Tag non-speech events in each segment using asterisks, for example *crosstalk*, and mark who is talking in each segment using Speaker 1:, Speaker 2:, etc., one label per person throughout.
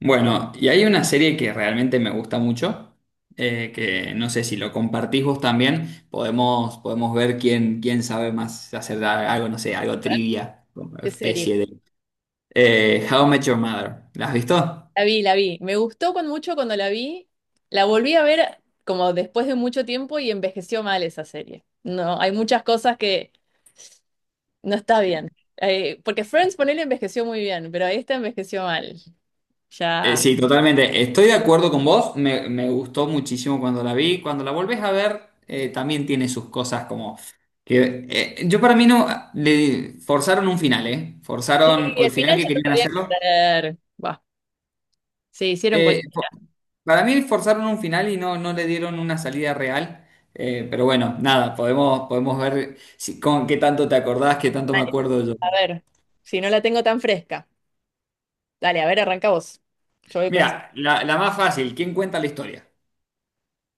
Speaker 1: Bueno, y hay una serie que realmente me gusta mucho, que no sé si lo compartís vos también, podemos ver quién sabe más hacer algo, no sé, algo trivia, como
Speaker 2: De serie.
Speaker 1: especie de... How I Met Your Mother, ¿la has visto?
Speaker 2: La vi, la vi. Me gustó con mucho cuando la vi. La volví a ver como después de mucho tiempo y envejeció mal esa serie. No, hay muchas cosas que no está bien. Porque Friends, ponele, envejeció muy bien, pero esta envejeció mal. Ya.
Speaker 1: Sí, totalmente. Estoy de acuerdo con vos, me gustó muchísimo cuando la vi. Cuando la volvés a ver, también tiene sus cosas como... que yo para mí no... Le forzaron un final, ¿eh?
Speaker 2: Sí,
Speaker 1: Forzaron o el
Speaker 2: al
Speaker 1: final
Speaker 2: final
Speaker 1: que
Speaker 2: ya no
Speaker 1: querían
Speaker 2: sabía qué
Speaker 1: hacerlo.
Speaker 2: hacer. Bah, se hicieron
Speaker 1: Eh,
Speaker 2: cualquier.
Speaker 1: Para mí forzaron un final y no, no le dieron una salida real. Pero bueno, nada, podemos ver si, con qué tanto te acordás, qué tanto me
Speaker 2: Dale,
Speaker 1: acuerdo yo.
Speaker 2: a ver, si no la tengo tan fresca. Dale, a ver, arranca vos. Yo voy pensando.
Speaker 1: Mira, la más fácil, ¿quién cuenta la historia?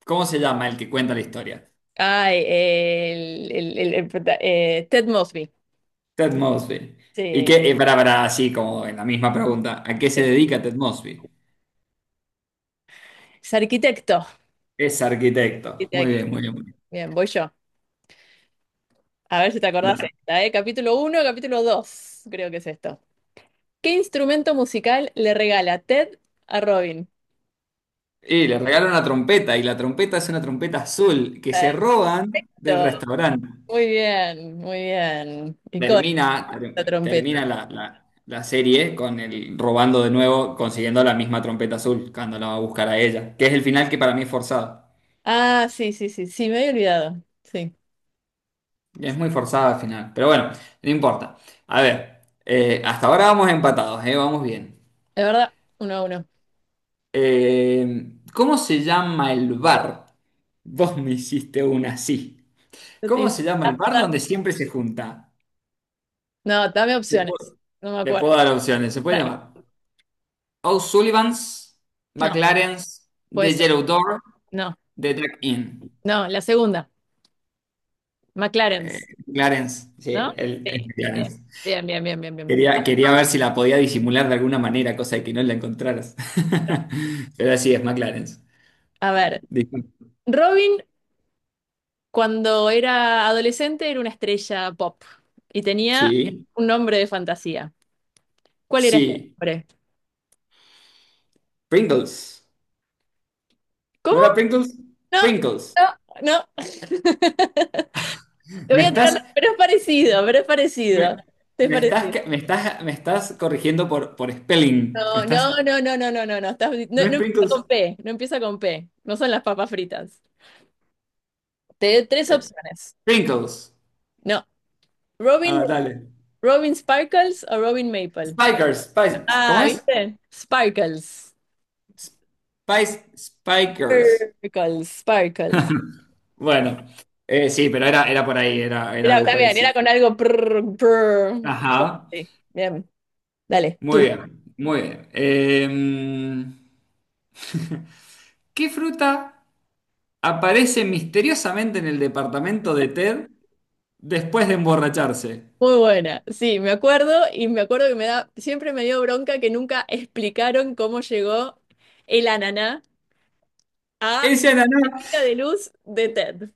Speaker 1: ¿Cómo se llama el que cuenta la historia?
Speaker 2: Ay, Ted Mosby.
Speaker 1: Ted Mosby. Y
Speaker 2: Sí.
Speaker 1: que, para, así como en la misma pregunta, ¿a qué se dedica Ted Mosby?
Speaker 2: Es arquitecto.
Speaker 1: Es arquitecto. Muy
Speaker 2: Arquitecto.
Speaker 1: bien, muy bien, muy bien.
Speaker 2: Bien, voy yo. A ver si te acordás
Speaker 1: Dale.
Speaker 2: esta, ¿eh? Capítulo uno, capítulo 2 creo que es esto. ¿Qué instrumento musical le regala Ted a Robin?
Speaker 1: Y le regalan una trompeta, y la trompeta es una trompeta azul que se roban del
Speaker 2: Perfecto.
Speaker 1: restaurante.
Speaker 2: Muy bien, muy bien. Icónica
Speaker 1: Termina,
Speaker 2: la
Speaker 1: ter-
Speaker 2: trompeta.
Speaker 1: termina la serie con el robando de nuevo, consiguiendo la misma trompeta azul cuando la va a buscar a ella, que es el final que para mí es forzado.
Speaker 2: Ah, sí, sí, sí, sí, me había olvidado. Sí,
Speaker 1: Es muy forzado al final, pero bueno, no importa. A ver, hasta ahora vamos empatados, vamos bien.
Speaker 2: es verdad, uno a uno.
Speaker 1: ¿Cómo se llama el bar? Vos me hiciste una así.
Speaker 2: Yo te
Speaker 1: ¿Cómo
Speaker 2: dije,
Speaker 1: se llama
Speaker 2: "Ah,
Speaker 1: el bar
Speaker 2: verdad".
Speaker 1: donde siempre se junta?
Speaker 2: No, dame
Speaker 1: Le
Speaker 2: opciones.
Speaker 1: puedo,
Speaker 2: No me
Speaker 1: le
Speaker 2: acuerdo.
Speaker 1: puedo dar opciones. Se puede
Speaker 2: Dale.
Speaker 1: llamar O'Sullivan's,
Speaker 2: No,
Speaker 1: McLaren's,
Speaker 2: puede
Speaker 1: The
Speaker 2: ser.
Speaker 1: Yellow Door
Speaker 2: No,
Speaker 1: de drag In.
Speaker 2: no, la segunda.
Speaker 1: Eh,
Speaker 2: McLaren's,
Speaker 1: Clarence, sí,
Speaker 2: ¿no?
Speaker 1: el, es
Speaker 2: Sí.
Speaker 1: sí, Clarence.
Speaker 2: Bien, bien, bien, bien, bien, bien.
Speaker 1: Quería ver si la podía disimular de alguna manera, cosa de que no la encontraras. *laughs* Pero así es, McLaren.
Speaker 2: A ver,
Speaker 1: Disculpa.
Speaker 2: Robin, cuando era adolescente era una estrella pop y tenía
Speaker 1: Sí,
Speaker 2: un nombre de fantasía. ¿Cuál era este
Speaker 1: sí.
Speaker 2: nombre?
Speaker 1: Pringles. ¿No
Speaker 2: ¿Cómo?
Speaker 1: era Pringles?
Speaker 2: No,
Speaker 1: Pringles.
Speaker 2: no, no. *laughs* Te
Speaker 1: Me
Speaker 2: voy a
Speaker 1: estás,
Speaker 2: pero es parecido, pero es parecido.
Speaker 1: me,
Speaker 2: Es
Speaker 1: me estás,
Speaker 2: parecido.
Speaker 1: me estás corrigiendo por spelling. Me
Speaker 2: No,
Speaker 1: estás,
Speaker 2: no, no, no, no, no, no, no. No,
Speaker 1: ¿no
Speaker 2: no
Speaker 1: es
Speaker 2: empieza con
Speaker 1: Pringles?
Speaker 2: P, no empieza con P. No son las papas fritas. Te doy tres
Speaker 1: Eh,
Speaker 2: opciones.
Speaker 1: Pringles.
Speaker 2: No.
Speaker 1: Ah,
Speaker 2: Robin,
Speaker 1: dale.
Speaker 2: Robin Sparkles o Robin Maple.
Speaker 1: Spikers. Spice- ¿Cómo
Speaker 2: Ah,
Speaker 1: es?
Speaker 2: ¿viste? Sparkles.
Speaker 1: Spice, Spikers.
Speaker 2: Sparkles, Sparkles.
Speaker 1: Bueno, sí, pero era, era por ahí, era, era
Speaker 2: Era,
Speaker 1: algo
Speaker 2: está bien, era
Speaker 1: parecido.
Speaker 2: con algo. Prr, prr.
Speaker 1: Ajá,
Speaker 2: Sí, bien, dale,
Speaker 1: muy
Speaker 2: tú.
Speaker 1: bien, muy bien. *laughs* ¿Qué fruta aparece misteriosamente en el departamento de Ted después de emborracharse?
Speaker 2: Muy buena. Sí, me acuerdo y me acuerdo que me da, siempre me dio bronca que nunca explicaron cómo llegó el ananá a
Speaker 1: Ese
Speaker 2: la
Speaker 1: ananá,
Speaker 2: estética de luz de Ted.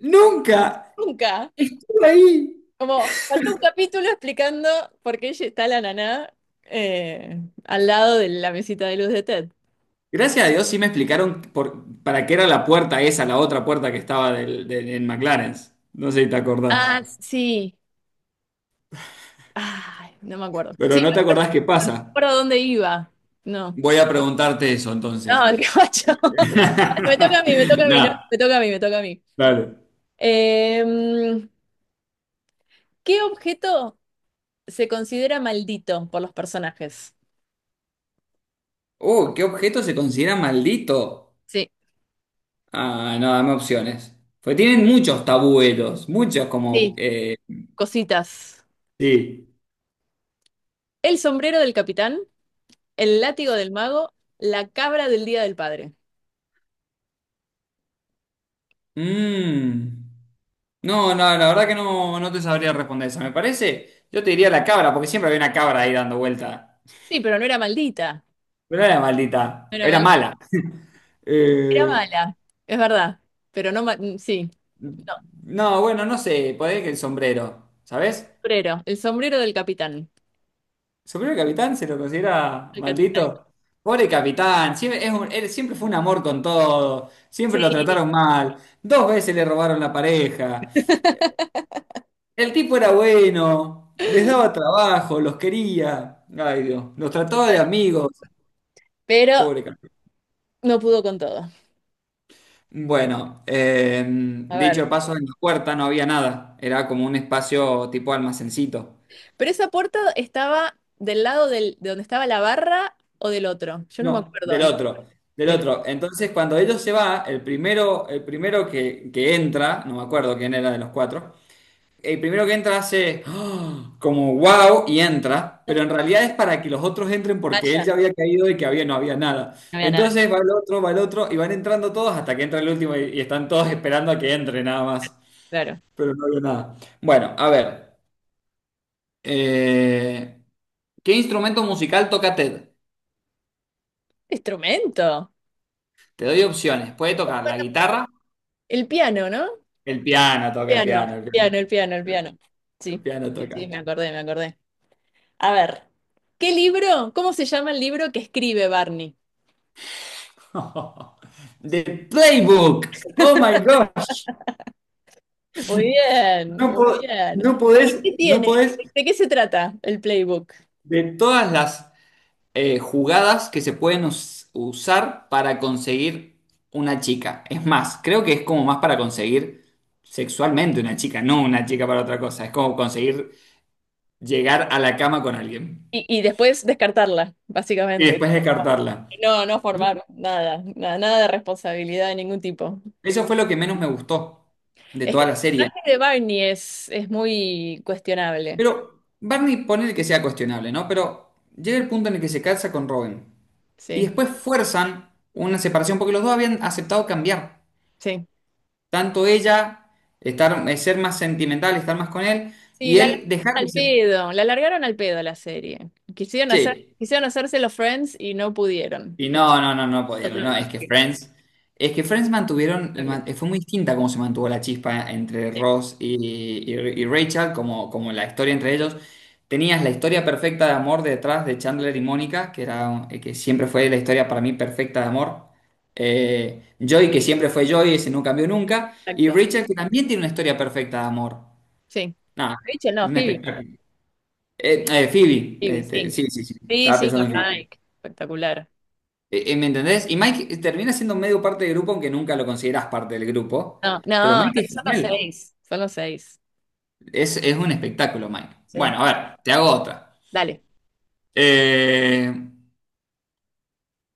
Speaker 1: nunca
Speaker 2: Nunca.
Speaker 1: estuvo ahí.
Speaker 2: Como faltó un capítulo explicando por qué está el ananá al lado de la mesita de luz de Ted.
Speaker 1: Gracias a Dios sí me explicaron para qué era la puerta esa, la otra puerta que estaba en McLaren. No sé si te acordás,
Speaker 2: Ah, sí. Ay, no me acuerdo. Sí,
Speaker 1: pero no te
Speaker 2: me
Speaker 1: acordás qué pasa.
Speaker 2: acuerdo dónde iba. No.
Speaker 1: Voy a preguntarte eso entonces.
Speaker 2: No, qué macho.
Speaker 1: *laughs*
Speaker 2: *laughs* Me toca a mí, me toca a mí, no,
Speaker 1: No,
Speaker 2: me toca a mí, me toca a mí.
Speaker 1: dale.
Speaker 2: Em, ¿Qué objeto se considera maldito por los personajes?
Speaker 1: ¿Qué objeto se considera maldito?
Speaker 2: Sí,
Speaker 1: Ah, no, dame opciones. Pues tienen muchos tabuelos, muchos como...
Speaker 2: sí. Cositas.
Speaker 1: sí,
Speaker 2: El sombrero del capitán, el látigo del mago, la cabra del Día del Padre.
Speaker 1: mm, no, no, la verdad que no, no te sabría responder esa. Me parece, yo te diría la cabra, porque siempre había una cabra ahí dando vuelta.
Speaker 2: Sí, pero no era maldita.
Speaker 1: Pero no era
Speaker 2: No
Speaker 1: maldita,
Speaker 2: era
Speaker 1: era
Speaker 2: maldita,
Speaker 1: mala.
Speaker 2: era
Speaker 1: Eh,
Speaker 2: mala. Es verdad, pero sí. No,
Speaker 1: no, bueno, no sé, podría que el sombrero, ¿sabes?
Speaker 2: sombrero, el sombrero del capitán.
Speaker 1: Superior al capitán se lo considera
Speaker 2: El capitán.
Speaker 1: maldito. Pobre capitán, siempre, él siempre fue un amor con todo, siempre
Speaker 2: Sí,
Speaker 1: lo trataron mal, dos veces le robaron la pareja.
Speaker 2: *laughs*
Speaker 1: El tipo era bueno, les daba trabajo, los quería. Ay Dios, los trataba de amigos.
Speaker 2: pero
Speaker 1: Pobre capitán.
Speaker 2: no pudo con todo.
Speaker 1: Bueno,
Speaker 2: A ver.
Speaker 1: dicho paso, en la puerta no había nada, era como un espacio tipo almacencito.
Speaker 2: Pero esa puerta estaba del lado de donde estaba la barra o del otro. Yo no me
Speaker 1: No,
Speaker 2: acuerdo.
Speaker 1: del otro, del
Speaker 2: Del,
Speaker 1: otro. Entonces, cuando ellos se va, el primero que entra, no me acuerdo quién era de los cuatro, el primero que entra hace ¡ah! Como wow y entra,
Speaker 2: No,
Speaker 1: pero en realidad es para que los otros entren porque él
Speaker 2: vaya,
Speaker 1: ya había caído y que había, no había nada.
Speaker 2: no había nada.
Speaker 1: Entonces va el otro y van entrando todos hasta que entra el último y están todos esperando a que entre nada más,
Speaker 2: Claro.
Speaker 1: pero no había nada. Bueno, a ver, eh, ¿qué instrumento musical toca Ted?
Speaker 2: Instrumento.
Speaker 1: Te doy opciones. Puede tocar la guitarra.
Speaker 2: El piano, ¿no?
Speaker 1: El piano toca, el
Speaker 2: Piano,
Speaker 1: piano, el
Speaker 2: el
Speaker 1: piano,
Speaker 2: piano, el piano, el piano.
Speaker 1: el
Speaker 2: Sí,
Speaker 1: piano
Speaker 2: sí, sí,
Speaker 1: toca.
Speaker 2: me acordé, me acordé. A ver, ¿qué libro? ¿Cómo se llama el libro que escribe Barney?
Speaker 1: *laughs* The Playbook. Oh my God.
Speaker 2: Muy bien,
Speaker 1: No,
Speaker 2: muy bien.
Speaker 1: no
Speaker 2: ¿Y
Speaker 1: podés,
Speaker 2: qué
Speaker 1: no
Speaker 2: tiene?
Speaker 1: podés
Speaker 2: ¿De qué se trata el playbook?
Speaker 1: de todas las jugadas que se pueden usar para conseguir una chica. Es más, creo que es como más para conseguir sexualmente una chica, no una chica para otra cosa. Es como conseguir llegar a la cama con alguien
Speaker 2: Y después descartarla,
Speaker 1: y
Speaker 2: básicamente.
Speaker 1: después descartarla.
Speaker 2: No, no formar nada, nada, nada de responsabilidad de ningún tipo.
Speaker 1: Eso fue lo que menos me gustó de
Speaker 2: Es que
Speaker 1: toda
Speaker 2: el
Speaker 1: la serie.
Speaker 2: personaje de Barney es muy cuestionable.
Speaker 1: Pero Barney pone que sea cuestionable, ¿no? Pero llega el punto en el que se casa con Robin. Y
Speaker 2: Sí,
Speaker 1: después fuerzan una separación porque los dos habían aceptado cambiar.
Speaker 2: sí.
Speaker 1: Tanto ella, estar, ser más sentimental, estar más con él,
Speaker 2: Sí,
Speaker 1: y
Speaker 2: la largaron
Speaker 1: él dejar de
Speaker 2: al
Speaker 1: ser.
Speaker 2: pedo, la largaron al pedo la serie.
Speaker 1: Sí.
Speaker 2: Quisieron hacerse los Friends y no pudieron.
Speaker 1: Y
Speaker 2: Me
Speaker 1: no
Speaker 2: encantó,
Speaker 1: podían.
Speaker 2: pero
Speaker 1: No,
Speaker 2: no
Speaker 1: es que Friends mantuvieron,
Speaker 2: sale.
Speaker 1: fue muy distinta cómo se mantuvo la chispa entre Ross y, y- y Rachel, como, como la historia entre ellos. Tenías la historia perfecta de amor detrás de Chandler y Mónica, que era, que siempre fue la historia para mí perfecta de amor. Joey, que siempre fue Joey, ese no cambió nunca. Y
Speaker 2: Exacto,
Speaker 1: Rachel, que también tiene una historia perfecta de amor.
Speaker 2: sí.
Speaker 1: Nada,
Speaker 2: Rachel, no,
Speaker 1: es un
Speaker 2: Phoebe,
Speaker 1: espectáculo. Phoebe,
Speaker 2: Phoebe, sí.
Speaker 1: este, sí, sí, sí,
Speaker 2: Sí,
Speaker 1: estaba
Speaker 2: sí,
Speaker 1: pensando
Speaker 2: con
Speaker 1: en Phoebe.
Speaker 2: Mike. Espectacular.
Speaker 1: ¿Me entendés? Y Mike termina siendo medio parte del grupo, aunque nunca lo considerás parte del grupo.
Speaker 2: No,
Speaker 1: Pero
Speaker 2: no,
Speaker 1: Mike es
Speaker 2: son los
Speaker 1: genial.
Speaker 2: seis. Son los seis.
Speaker 1: Es un espectáculo, Mike. Bueno,
Speaker 2: Sí.
Speaker 1: a ver, te hago otra.
Speaker 2: Dale.
Speaker 1: Eh,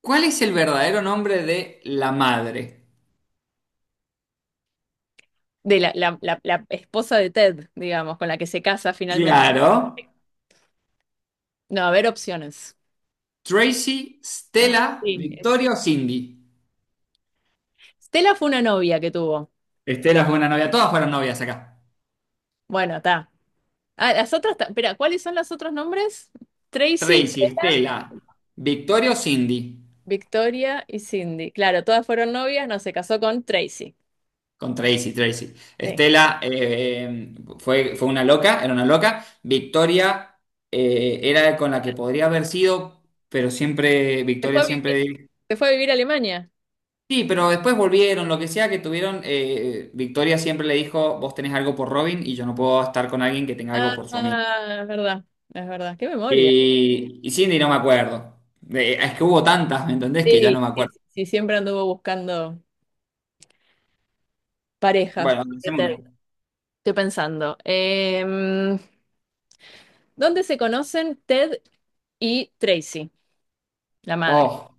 Speaker 1: ¿Cuál es el verdadero nombre de la madre?
Speaker 2: De la esposa de Ted, digamos, con la que se casa finalmente.
Speaker 1: Claro,
Speaker 2: No, a ver opciones.
Speaker 1: Tracy,
Speaker 2: Ah,
Speaker 1: Stella,
Speaker 2: sí.
Speaker 1: Victoria o Cindy.
Speaker 2: Stella fue una novia que tuvo.
Speaker 1: Estela fue una novia, todas fueron novias acá.
Speaker 2: Bueno, está. Ah, las otras, espera, ¿cuáles son los otros nombres? Tracy,
Speaker 1: Tracy,
Speaker 2: Stella,
Speaker 1: Estela, Victoria o Cindy.
Speaker 2: Victoria y Cindy. Claro, todas fueron novias, no se casó con Tracy.
Speaker 1: Con Tracy, Tracy.
Speaker 2: Sí.
Speaker 1: Estela fue, fue una loca, era una loca. Victoria era con la que podría haber sido, pero siempre,
Speaker 2: Se fue
Speaker 1: Victoria
Speaker 2: a vivir,
Speaker 1: siempre...
Speaker 2: se fue a vivir a Alemania.
Speaker 1: Sí, pero después volvieron, lo que sea que tuvieron, Victoria siempre le dijo, vos tenés algo por Robin y yo no puedo estar con alguien que tenga algo
Speaker 2: Ah,
Speaker 1: por su amigo.
Speaker 2: es verdad, es verdad. Qué memoria.
Speaker 1: Y Cindy no me acuerdo. Es que hubo tantas, ¿me entendés? Que ya no
Speaker 2: Sí,
Speaker 1: me
Speaker 2: sí,
Speaker 1: acuerdo.
Speaker 2: sí, siempre anduvo buscando pareja.
Speaker 1: Bueno, hacemos una.
Speaker 2: Estoy pensando. ¿Dónde se conocen Ted y Tracy, la madre?
Speaker 1: Oh.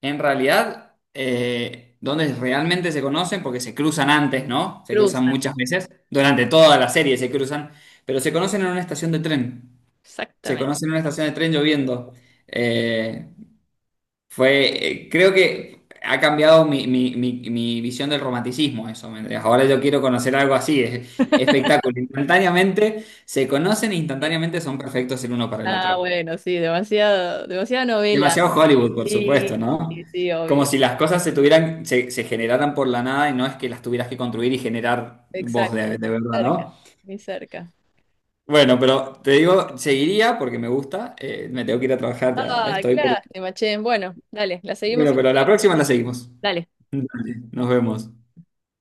Speaker 1: En realidad, donde realmente se conocen, porque se cruzan antes, ¿no? Se cruzan
Speaker 2: Cruzan.
Speaker 1: muchas veces, durante toda la serie se cruzan, pero se conocen en una estación de tren. Se
Speaker 2: Exactamente.
Speaker 1: conocen en una estación de tren lloviendo. Eh, fue, creo que ha cambiado mi visión del romanticismo, eso. ¿Me entendés? Ahora yo quiero conocer algo así, es espectáculo. Instantáneamente se conocen, e instantáneamente son perfectos el uno para el
Speaker 2: Ah,
Speaker 1: otro.
Speaker 2: bueno, sí, demasiado, demasiada novela.
Speaker 1: Demasiado Hollywood, por
Speaker 2: Sí,
Speaker 1: supuesto, ¿no?
Speaker 2: sí, sí,
Speaker 1: Como
Speaker 2: obvio.
Speaker 1: si las cosas se tuvieran, se generaran por la nada y no es que las tuvieras que construir y generar vos
Speaker 2: Exacto.
Speaker 1: de verdad,
Speaker 2: Cerca,
Speaker 1: ¿no?
Speaker 2: muy cerca.
Speaker 1: Bueno, pero te digo, seguiría porque me gusta. Me tengo que ir a trabajar, ya, ya
Speaker 2: Ah, qué
Speaker 1: estoy, pero,
Speaker 2: lástima, che. Bueno, dale, la seguimos
Speaker 1: bueno,
Speaker 2: otro
Speaker 1: pero la
Speaker 2: día.
Speaker 1: próxima la seguimos.
Speaker 2: Dale.
Speaker 1: Nos vemos.